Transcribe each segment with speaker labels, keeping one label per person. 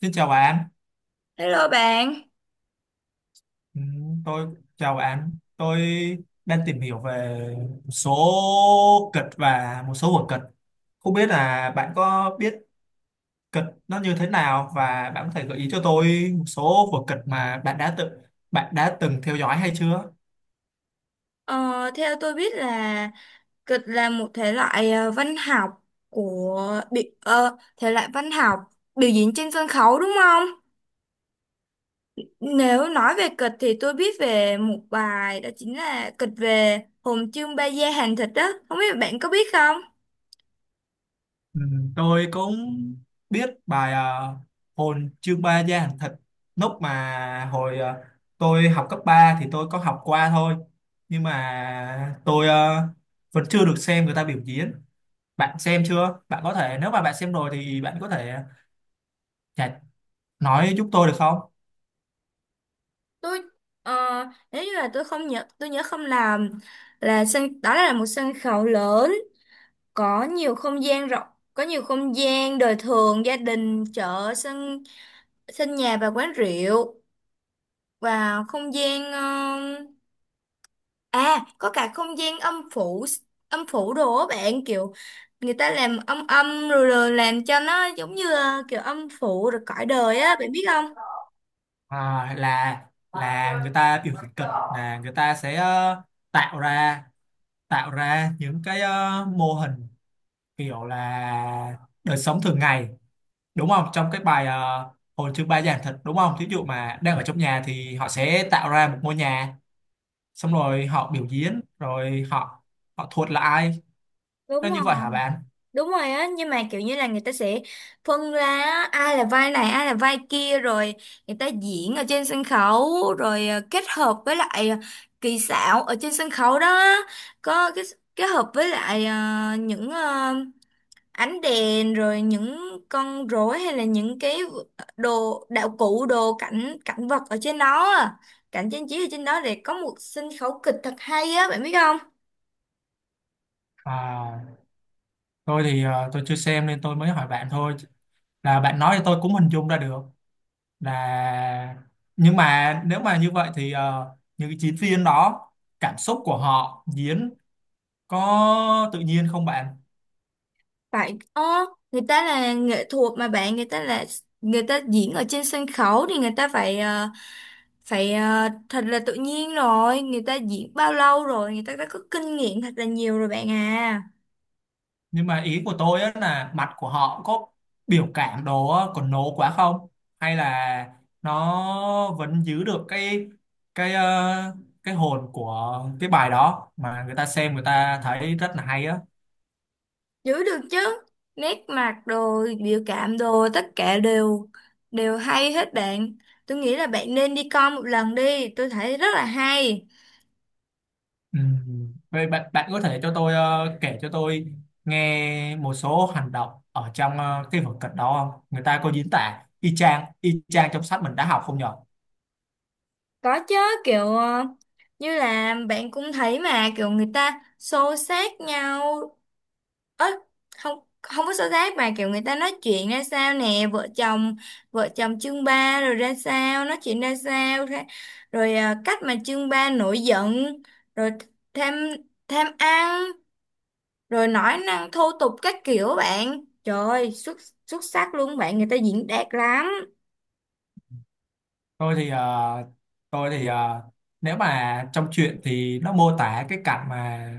Speaker 1: Xin chào bạn.
Speaker 2: Hello bạn,
Speaker 1: Ừ, tôi chào bạn. Tôi đang tìm hiểu về một số kịch và một số vở kịch. Không biết là bạn có biết kịch nó như thế nào và bạn có thể gợi ý cho tôi một số vở kịch mà bạn đã từng theo dõi hay chưa?
Speaker 2: ờ, theo tôi biết là kịch là một thể loại văn học thể loại văn học biểu diễn trên sân khấu đúng không? Nếu nói về kịch thì tôi biết về một bài đó chính là kịch về Hồn Trương Ba Gia Hàng Thịt đó, không biết bạn có biết không?
Speaker 1: Ừ, tôi cũng biết bài hồn chương ba gia hàng thịt, lúc mà hồi tôi học cấp 3 thì tôi có học qua thôi, nhưng mà tôi vẫn chưa được xem người ta biểu diễn. Bạn xem chưa? Bạn có thể, nếu mà bạn xem rồi thì bạn có thể chả- nói giúp tôi được không?
Speaker 2: Tôi ờ, nếu như là tôi nhớ không làm, là sân đó là một sân khấu lớn, có nhiều không gian rộng, có nhiều không gian đời thường, gia đình, chợ, sân sân nhà và quán rượu, và không gian có cả không gian âm phủ. Âm phủ đồ á bạn, kiểu người ta làm âm âm rồi, rồi làm cho nó giống như là kiểu âm phủ rồi cõi đời á, bạn biết không?
Speaker 1: À, là người ta biểu diễn kịch, là người ta sẽ tạo ra tạo ra những cái mô hình, kiểu là đời sống thường ngày, đúng không? Trong cái bài hồi chương ba giảng thuật, đúng không? Thí dụ mà đang ở trong nhà thì họ sẽ tạo ra một ngôi nhà, xong rồi họ biểu diễn, rồi họ họ thuật là ai.
Speaker 2: Đúng
Speaker 1: Nó như
Speaker 2: rồi.
Speaker 1: vậy hả bạn?
Speaker 2: Đúng rồi á, nhưng mà kiểu như là người ta sẽ phân ra á, ai là vai này ai là vai kia, rồi người ta diễn ở trên sân khấu, rồi kết hợp với lại kỹ xảo ở trên sân khấu đó. Có cái kết hợp với lại những ờ, ánh đèn, rồi những con rối, hay là những cái đồ đạo cụ, đồ cảnh, cảnh vật ở trên đó á, cảnh trang trí ở trên đó để có một sân khấu kịch thật hay á, bạn biết không?
Speaker 1: À, tôi thì tôi chưa xem nên tôi mới hỏi bạn thôi, là bạn nói thì tôi cũng hình dung ra được. Là nhưng mà nếu mà như vậy thì những cái diễn viên đó cảm xúc của họ diễn có tự nhiên không bạn?
Speaker 2: Phải, người ta là nghệ thuật mà bạn, người ta là người ta diễn ở trên sân khấu thì người ta phải thật là tự nhiên rồi, người ta diễn bao lâu rồi, người ta đã có kinh nghiệm thật là nhiều rồi bạn à.
Speaker 1: Nhưng mà ý của tôi á, là mặt của họ có biểu cảm đồ á, còn nổ quá không? Hay là nó vẫn giữ được cái, cái ờ, cái hồn của cái bài đó, mà người ta xem người ta thấy rất là hay á?
Speaker 2: Giữ được chứ. Nét mặt rồi, biểu cảm đồ tất cả đều đều hay hết bạn. Tôi nghĩ là bạn nên đi coi một lần đi, tôi thấy rất là hay.
Speaker 1: Ừ. Vậy bạn bạn có thể cho tôi kể cho tôi nghe một số hành động ở trong cái vở kịch đó không? Người ta có diễn tả y chang trong sách mình đã học không nhỉ?
Speaker 2: Có chứ, kiểu như là bạn cũng thấy mà kiểu người ta xô xát nhau. Ớ, không, không có xô xát mà kiểu người ta nói chuyện ra sao nè, vợ chồng chương ba rồi ra sao, nói chuyện ra sao ra, rồi cách mà chương ba nổi giận, rồi tham tham ăn, rồi nói năng thô tục các kiểu bạn, trời ơi, xuất xuất sắc luôn bạn, người ta diễn đạt lắm.
Speaker 1: Tôi thì à, tôi thì à, nếu mà trong truyện thì nó mô tả cái cảnh mà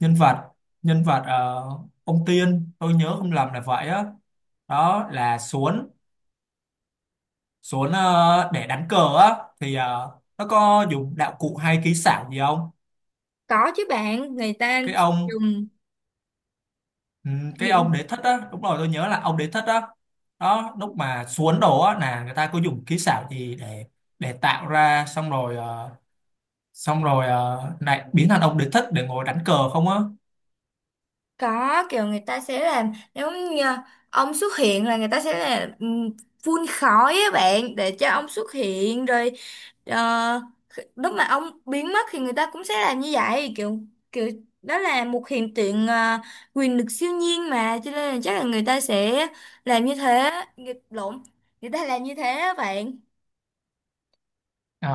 Speaker 1: nhân vật nhân vật ông Tiên, tôi nhớ không lầm là vậy á, đó là xuống xuống để đánh cờ á, thì nó có dùng đạo cụ hay kỹ xảo gì không?
Speaker 2: Có chứ bạn, người ta
Speaker 1: Cái ông, ừ, cái
Speaker 2: dùng.
Speaker 1: ông đế thất á, đúng rồi, tôi nhớ là ông đế thất á. Đó, lúc mà xuống đổ á là người ta có dùng kỹ xảo gì để tạo ra, xong rồi lại biến thành ông đế thích để ngồi đánh cờ không á?
Speaker 2: Có kiểu người ta sẽ làm, nếu như ông xuất hiện là người ta sẽ là phun khói á bạn, để cho ông xuất hiện, rồi ờ, lúc mà ông biến mất thì người ta cũng sẽ làm như vậy, kiểu kiểu đó là một hiện tượng quyền lực siêu nhiên, mà cho nên là chắc là người ta sẽ làm như thế, nghịch lộn, người ta làm như thế á bạn.
Speaker 1: Ờ,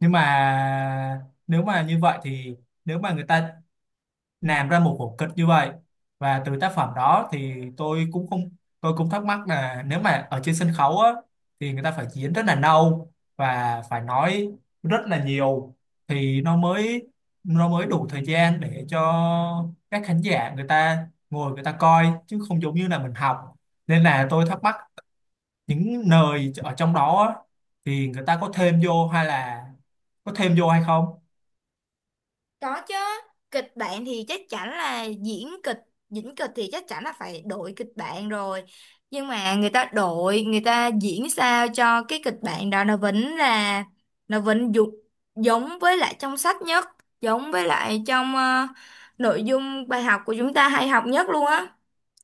Speaker 1: nhưng mà nếu mà như vậy thì, nếu mà người ta làm ra một vở kịch như vậy và từ tác phẩm đó thì tôi cũng không tôi cũng thắc mắc là nếu mà ở trên sân khấu á thì người ta phải diễn rất là lâu và phải nói rất là nhiều, thì nó mới đủ thời gian để cho các khán giả người ta ngồi người ta coi, chứ không giống như là mình học. Nên là tôi thắc mắc những nơi ở trong đó á, thì người ta có thêm vô hay không?
Speaker 2: Có chứ, kịch bản thì chắc chắn là diễn kịch thì chắc chắn là phải đổi kịch bản rồi. Nhưng mà người ta đổi, người ta diễn sao cho cái kịch bản đó nó vẫn giống với lại trong sách nhất, giống với lại trong nội dung bài học của chúng ta hay học nhất luôn á.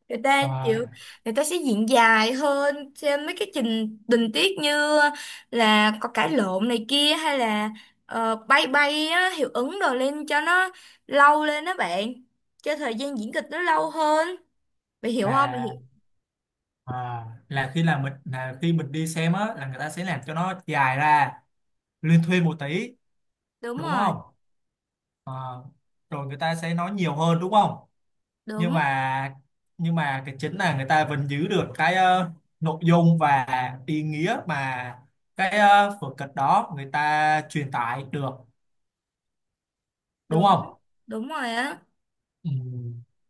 Speaker 2: Người ta
Speaker 1: Ờ,
Speaker 2: chịu người ta sẽ diễn dài hơn trên mấy cái tình tiết, như là có cãi lộn này kia, hay là bay bay á, hiệu ứng đồ lên cho nó lâu lên đó bạn, cho thời gian diễn kịch nó lâu hơn, bạn hiểu không, bạn
Speaker 1: là
Speaker 2: hiểu
Speaker 1: ờ, khi mình đi xem á là người ta sẽ làm cho nó dài ra, liên thuyên một tí,
Speaker 2: đúng
Speaker 1: đúng
Speaker 2: rồi.
Speaker 1: không? Ờ, rồi người ta sẽ nói nhiều hơn, đúng không? Nhưng
Speaker 2: Đúng.
Speaker 1: mà cái chính là người ta vẫn giữ được cái nội dung và ý nghĩa mà cái vở kịch đó người ta truyền tải được, đúng
Speaker 2: đúng
Speaker 1: không?
Speaker 2: Đúng rồi á.
Speaker 1: Ừ.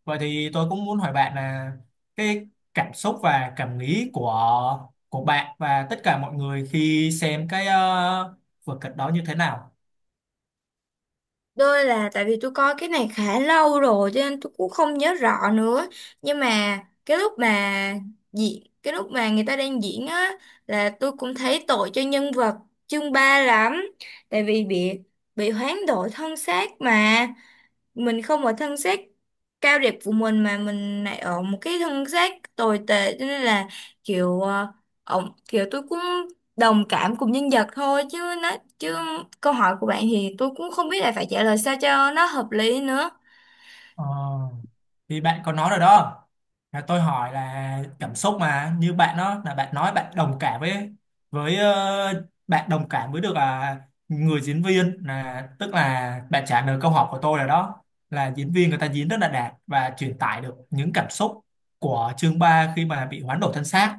Speaker 1: Vậy thì tôi cũng muốn hỏi bạn là cái cảm xúc và cảm nghĩ của bạn và tất cả mọi người khi xem cái vở kịch đó như thế nào?
Speaker 2: Đôi là tại vì tôi coi cái này khá lâu rồi cho nên tôi cũng không nhớ rõ nữa. Nhưng mà cái lúc mà cái lúc mà người ta đang diễn á là tôi cũng thấy tội cho nhân vật chương ba lắm. Tại vì bị hoán đổi thân xác mà, mình không ở thân xác cao đẹp của mình mà mình lại ở một cái thân xác tồi tệ, cho nên là kiểu ổng kiểu, tôi cũng đồng cảm cùng nhân vật thôi, chứ nó chứ câu hỏi của bạn thì tôi cũng không biết là phải trả lời sao cho nó hợp lý nữa.
Speaker 1: Ờ, thì bạn có nói rồi đó, là tôi hỏi là cảm xúc, mà như bạn đó là bạn nói bạn đồng cảm với, với ờ, bạn đồng cảm với được à, người diễn viên. Là tức là bạn trả lời câu hỏi của tôi, là đó là diễn viên người ta diễn rất là đạt và truyền tải được những cảm xúc của chương 3 khi mà bị hoán đổi thân xác.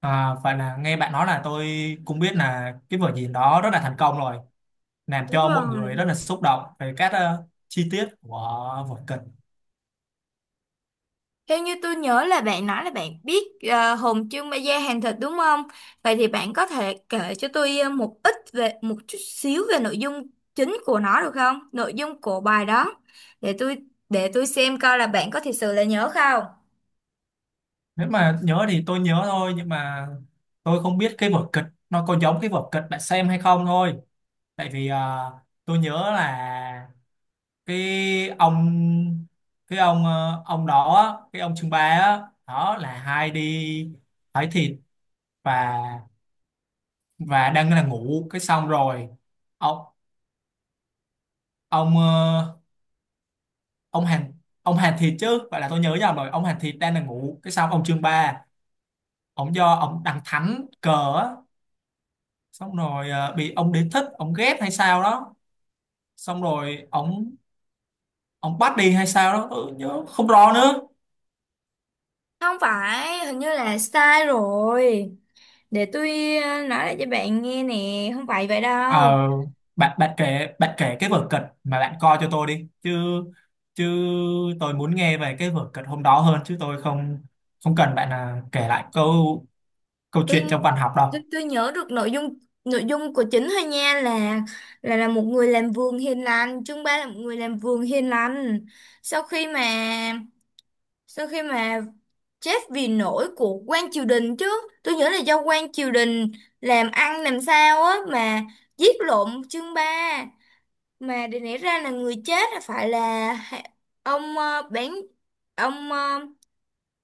Speaker 1: Và là nghe bạn nói là tôi cũng biết là cái vở diễn đó rất là thành công rồi, làm
Speaker 2: Đúng
Speaker 1: cho mọi người
Speaker 2: rồi.
Speaker 1: rất là xúc động về các chi tiết của vở kịch.
Speaker 2: Theo như tôi nhớ là bạn nói là bạn biết hồn trương ma da hàng thịt đúng không? Vậy thì bạn có thể kể cho tôi một chút xíu về nội dung chính của nó được không? Nội dung của bài đó để tôi xem coi là bạn có thật sự là nhớ không?
Speaker 1: Nếu mà nhớ thì tôi nhớ thôi, nhưng mà tôi không biết cái vở kịch nó có giống cái vở kịch bạn xem hay không thôi. Tại vì tôi nhớ là cái ông cái ông Trương Ba á, đó là hai đi hỏi thịt, và đang là ngủ, cái xong rồi ông ông ờ, ông Hàn ông Hàn Thịt chứ, vậy là tôi nhớ nhầm rồi. Ông Hàn Thịt đang là ngủ, cái xong ông Trương Ba, ông do ông đằng thánh cờ á, xong rồi bị ông đế thích ông ghét hay sao đó, xong rồi ông bắt đi hay sao đó, tôi nhớ không rõ nữa.
Speaker 2: Không phải, hình như là sai rồi. Để tôi nói lại cho bạn nghe nè, không phải vậy
Speaker 1: ờ
Speaker 2: đâu.
Speaker 1: bạn bạn kể bạn kể cái vở kịch mà bạn coi cho tôi đi chứ, chứ tôi muốn nghe về cái vở kịch hôm đó hơn, chứ tôi không không cần bạn là kể lại câu câu
Speaker 2: tôi
Speaker 1: chuyện trong văn học
Speaker 2: tôi
Speaker 1: đâu.
Speaker 2: tôi nhớ được nội dung, nội dung của chính thôi nha, là một người làm vườn hiền lành, chương ba là một người làm vườn hiền lành, sau khi mà sau khi mà chết vì lỗi của quan triều đình chứ, tôi nhớ là do quan triều đình làm ăn làm sao á mà giết lộn chương ba, mà để nảy ra là người chết là phải là hạ- ông ờ, bán ông ờ,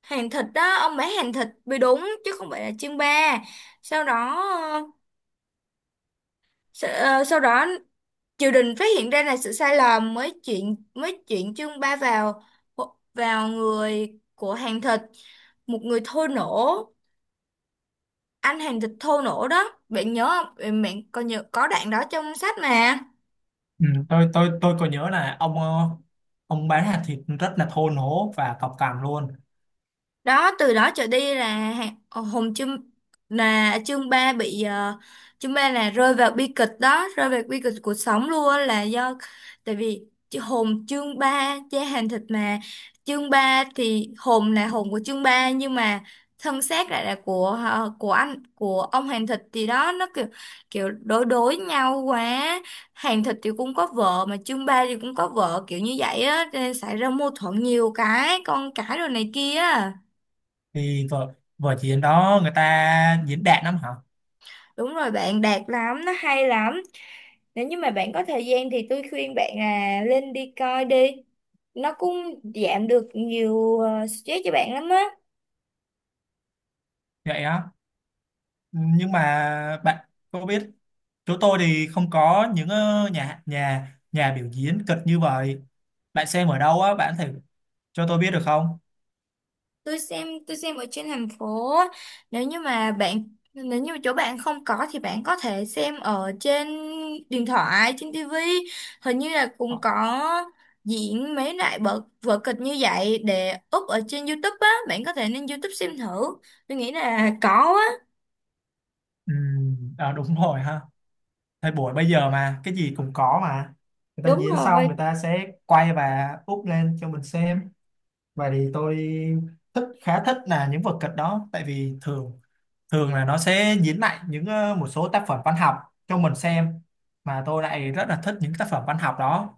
Speaker 2: hàng thịt đó, ông bán hàng thịt mới đúng chứ không phải là chương ba. Sau đó ờ, sau đó triều đình phát hiện ra là sự sai lầm, mới chuyển chương ba vào vào người của hàng thịt, một người thô nổ, anh hàng thịt thô nổ đó, bạn nhớ không, bạn bạn còn nhớ có đoạn đó trong sách mà.
Speaker 1: Ừ, tôi có nhớ là ông ông bán hạt thịt rất là thô lỗ và cọc cằn luôn.
Speaker 2: Đó từ đó trở đi là Hùng Trương là chương ba bị chương ba là rơi vào bi kịch đó, rơi vào bi kịch cuộc sống luôn á, là do, tại vì chứ Hùng chương ba cha hàng thịt mà, chương ba thì Hùng là Hùng của chương ba nhưng mà thân xác lại là của ờ, của anh của ông hàng thịt, thì đó nó kiểu kiểu đối đối nhau quá, hàng thịt thì cũng có vợ mà chương ba thì cũng có vợ, kiểu như vậy á, cho nên xảy ra mâu thuẫn nhiều, cái con cái rồi này kia á.
Speaker 1: Thì vở vở diễn đó người ta diễn đạt lắm hả?
Speaker 2: Đúng rồi bạn, đạt lắm, nó hay lắm. Nếu như mà bạn có thời gian thì tôi khuyên bạn là lên đi coi đi. Nó cũng giảm được nhiều stress cho bạn lắm á.
Speaker 1: Vậy á. Nhưng mà bạn có biết, chỗ tôi thì không có những nhà nhà nhà biểu diễn kịch như vậy. Bạn xem ở đâu á? Bạn có thể cho tôi biết được không?
Speaker 2: Tôi xem ở trên thành phố á. Nếu như mà bạn, nếu như mà chỗ bạn không có thì bạn có thể xem ở trên điện thoại, trên tivi. Hình như là cũng có diễn mấy loại vở vở kịch như vậy để up ở trên YouTube á, bạn có thể lên YouTube xem thử. Tôi nghĩ là có á.
Speaker 1: Ừ, à, đúng rồi ha. Thời buổi bây giờ mà cái gì cũng có mà, người ta
Speaker 2: Đúng
Speaker 1: diễn xong
Speaker 2: rồi.
Speaker 1: người ta sẽ quay và úp lên cho mình xem. Vậy thì tôi khá thích là những vở kịch đó, tại vì thường thường là nó sẽ diễn lại những một số tác phẩm văn học cho mình xem, mà tôi lại rất là thích những tác phẩm văn học đó.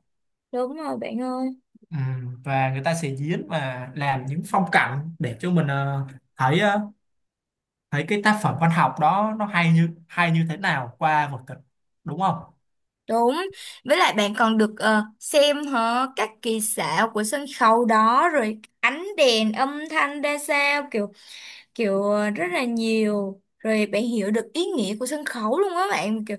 Speaker 2: Đúng rồi bạn ơi,
Speaker 1: Ừ, và người ta sẽ diễn và làm những phong cảnh để cho mình thấy ờ, thấy cái tác phẩm văn học đó nó hay như thế nào qua vở kịch, đúng không?
Speaker 2: đúng. Với lại bạn còn được xem hả các kỳ xảo của sân khấu đó, rồi ánh đèn âm thanh ra sao, kiểu kiểu ờ, rất là nhiều. Rồi bạn hiểu được ý nghĩa của sân khấu luôn á bạn, kiểu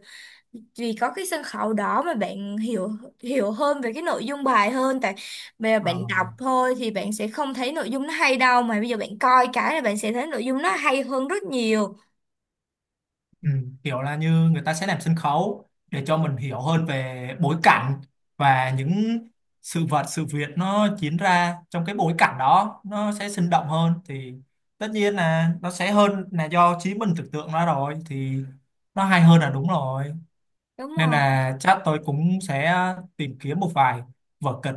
Speaker 2: vì có cái sân khấu đó mà bạn hiểu hiểu hơn về cái nội dung bài hơn, tại bây giờ
Speaker 1: Ờ.
Speaker 2: bạn đọc thôi thì bạn sẽ không thấy nội dung nó hay đâu, mà bây giờ bạn coi cái là bạn sẽ thấy nội dung nó hay hơn rất nhiều.
Speaker 1: Ừ, kiểu là như người ta sẽ làm sân khấu để cho mình hiểu hơn về bối cảnh và những sự vật sự việc nó diễn ra trong cái bối cảnh đó, nó sẽ sinh động hơn thì tất nhiên là nó sẽ hơn là do trí mình tưởng tượng ra rồi, thì nó hay hơn là đúng rồi.
Speaker 2: Đúng
Speaker 1: Nên
Speaker 2: rồi.
Speaker 1: là chắc tôi cũng sẽ tìm kiếm một vài vở kịch,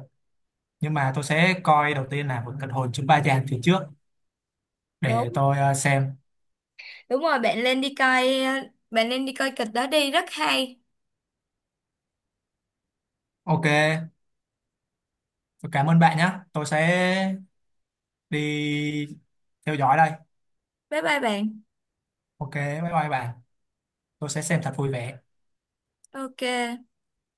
Speaker 1: nhưng mà tôi sẽ coi đầu tiên là vở kịch Hồn Chứng Ba Giang thì trước, để
Speaker 2: Đúng.
Speaker 1: tôi xem.
Speaker 2: Đúng rồi, bạn lên đi coi, bạn lên đi coi kịch đó đi, rất hay.
Speaker 1: OK, tôi cảm ơn bạn nhé, tôi sẽ đi theo dõi đây.
Speaker 2: Bye bye bạn.
Speaker 1: OK, bye bye bạn, tôi sẽ xem thật vui vẻ.
Speaker 2: Ok.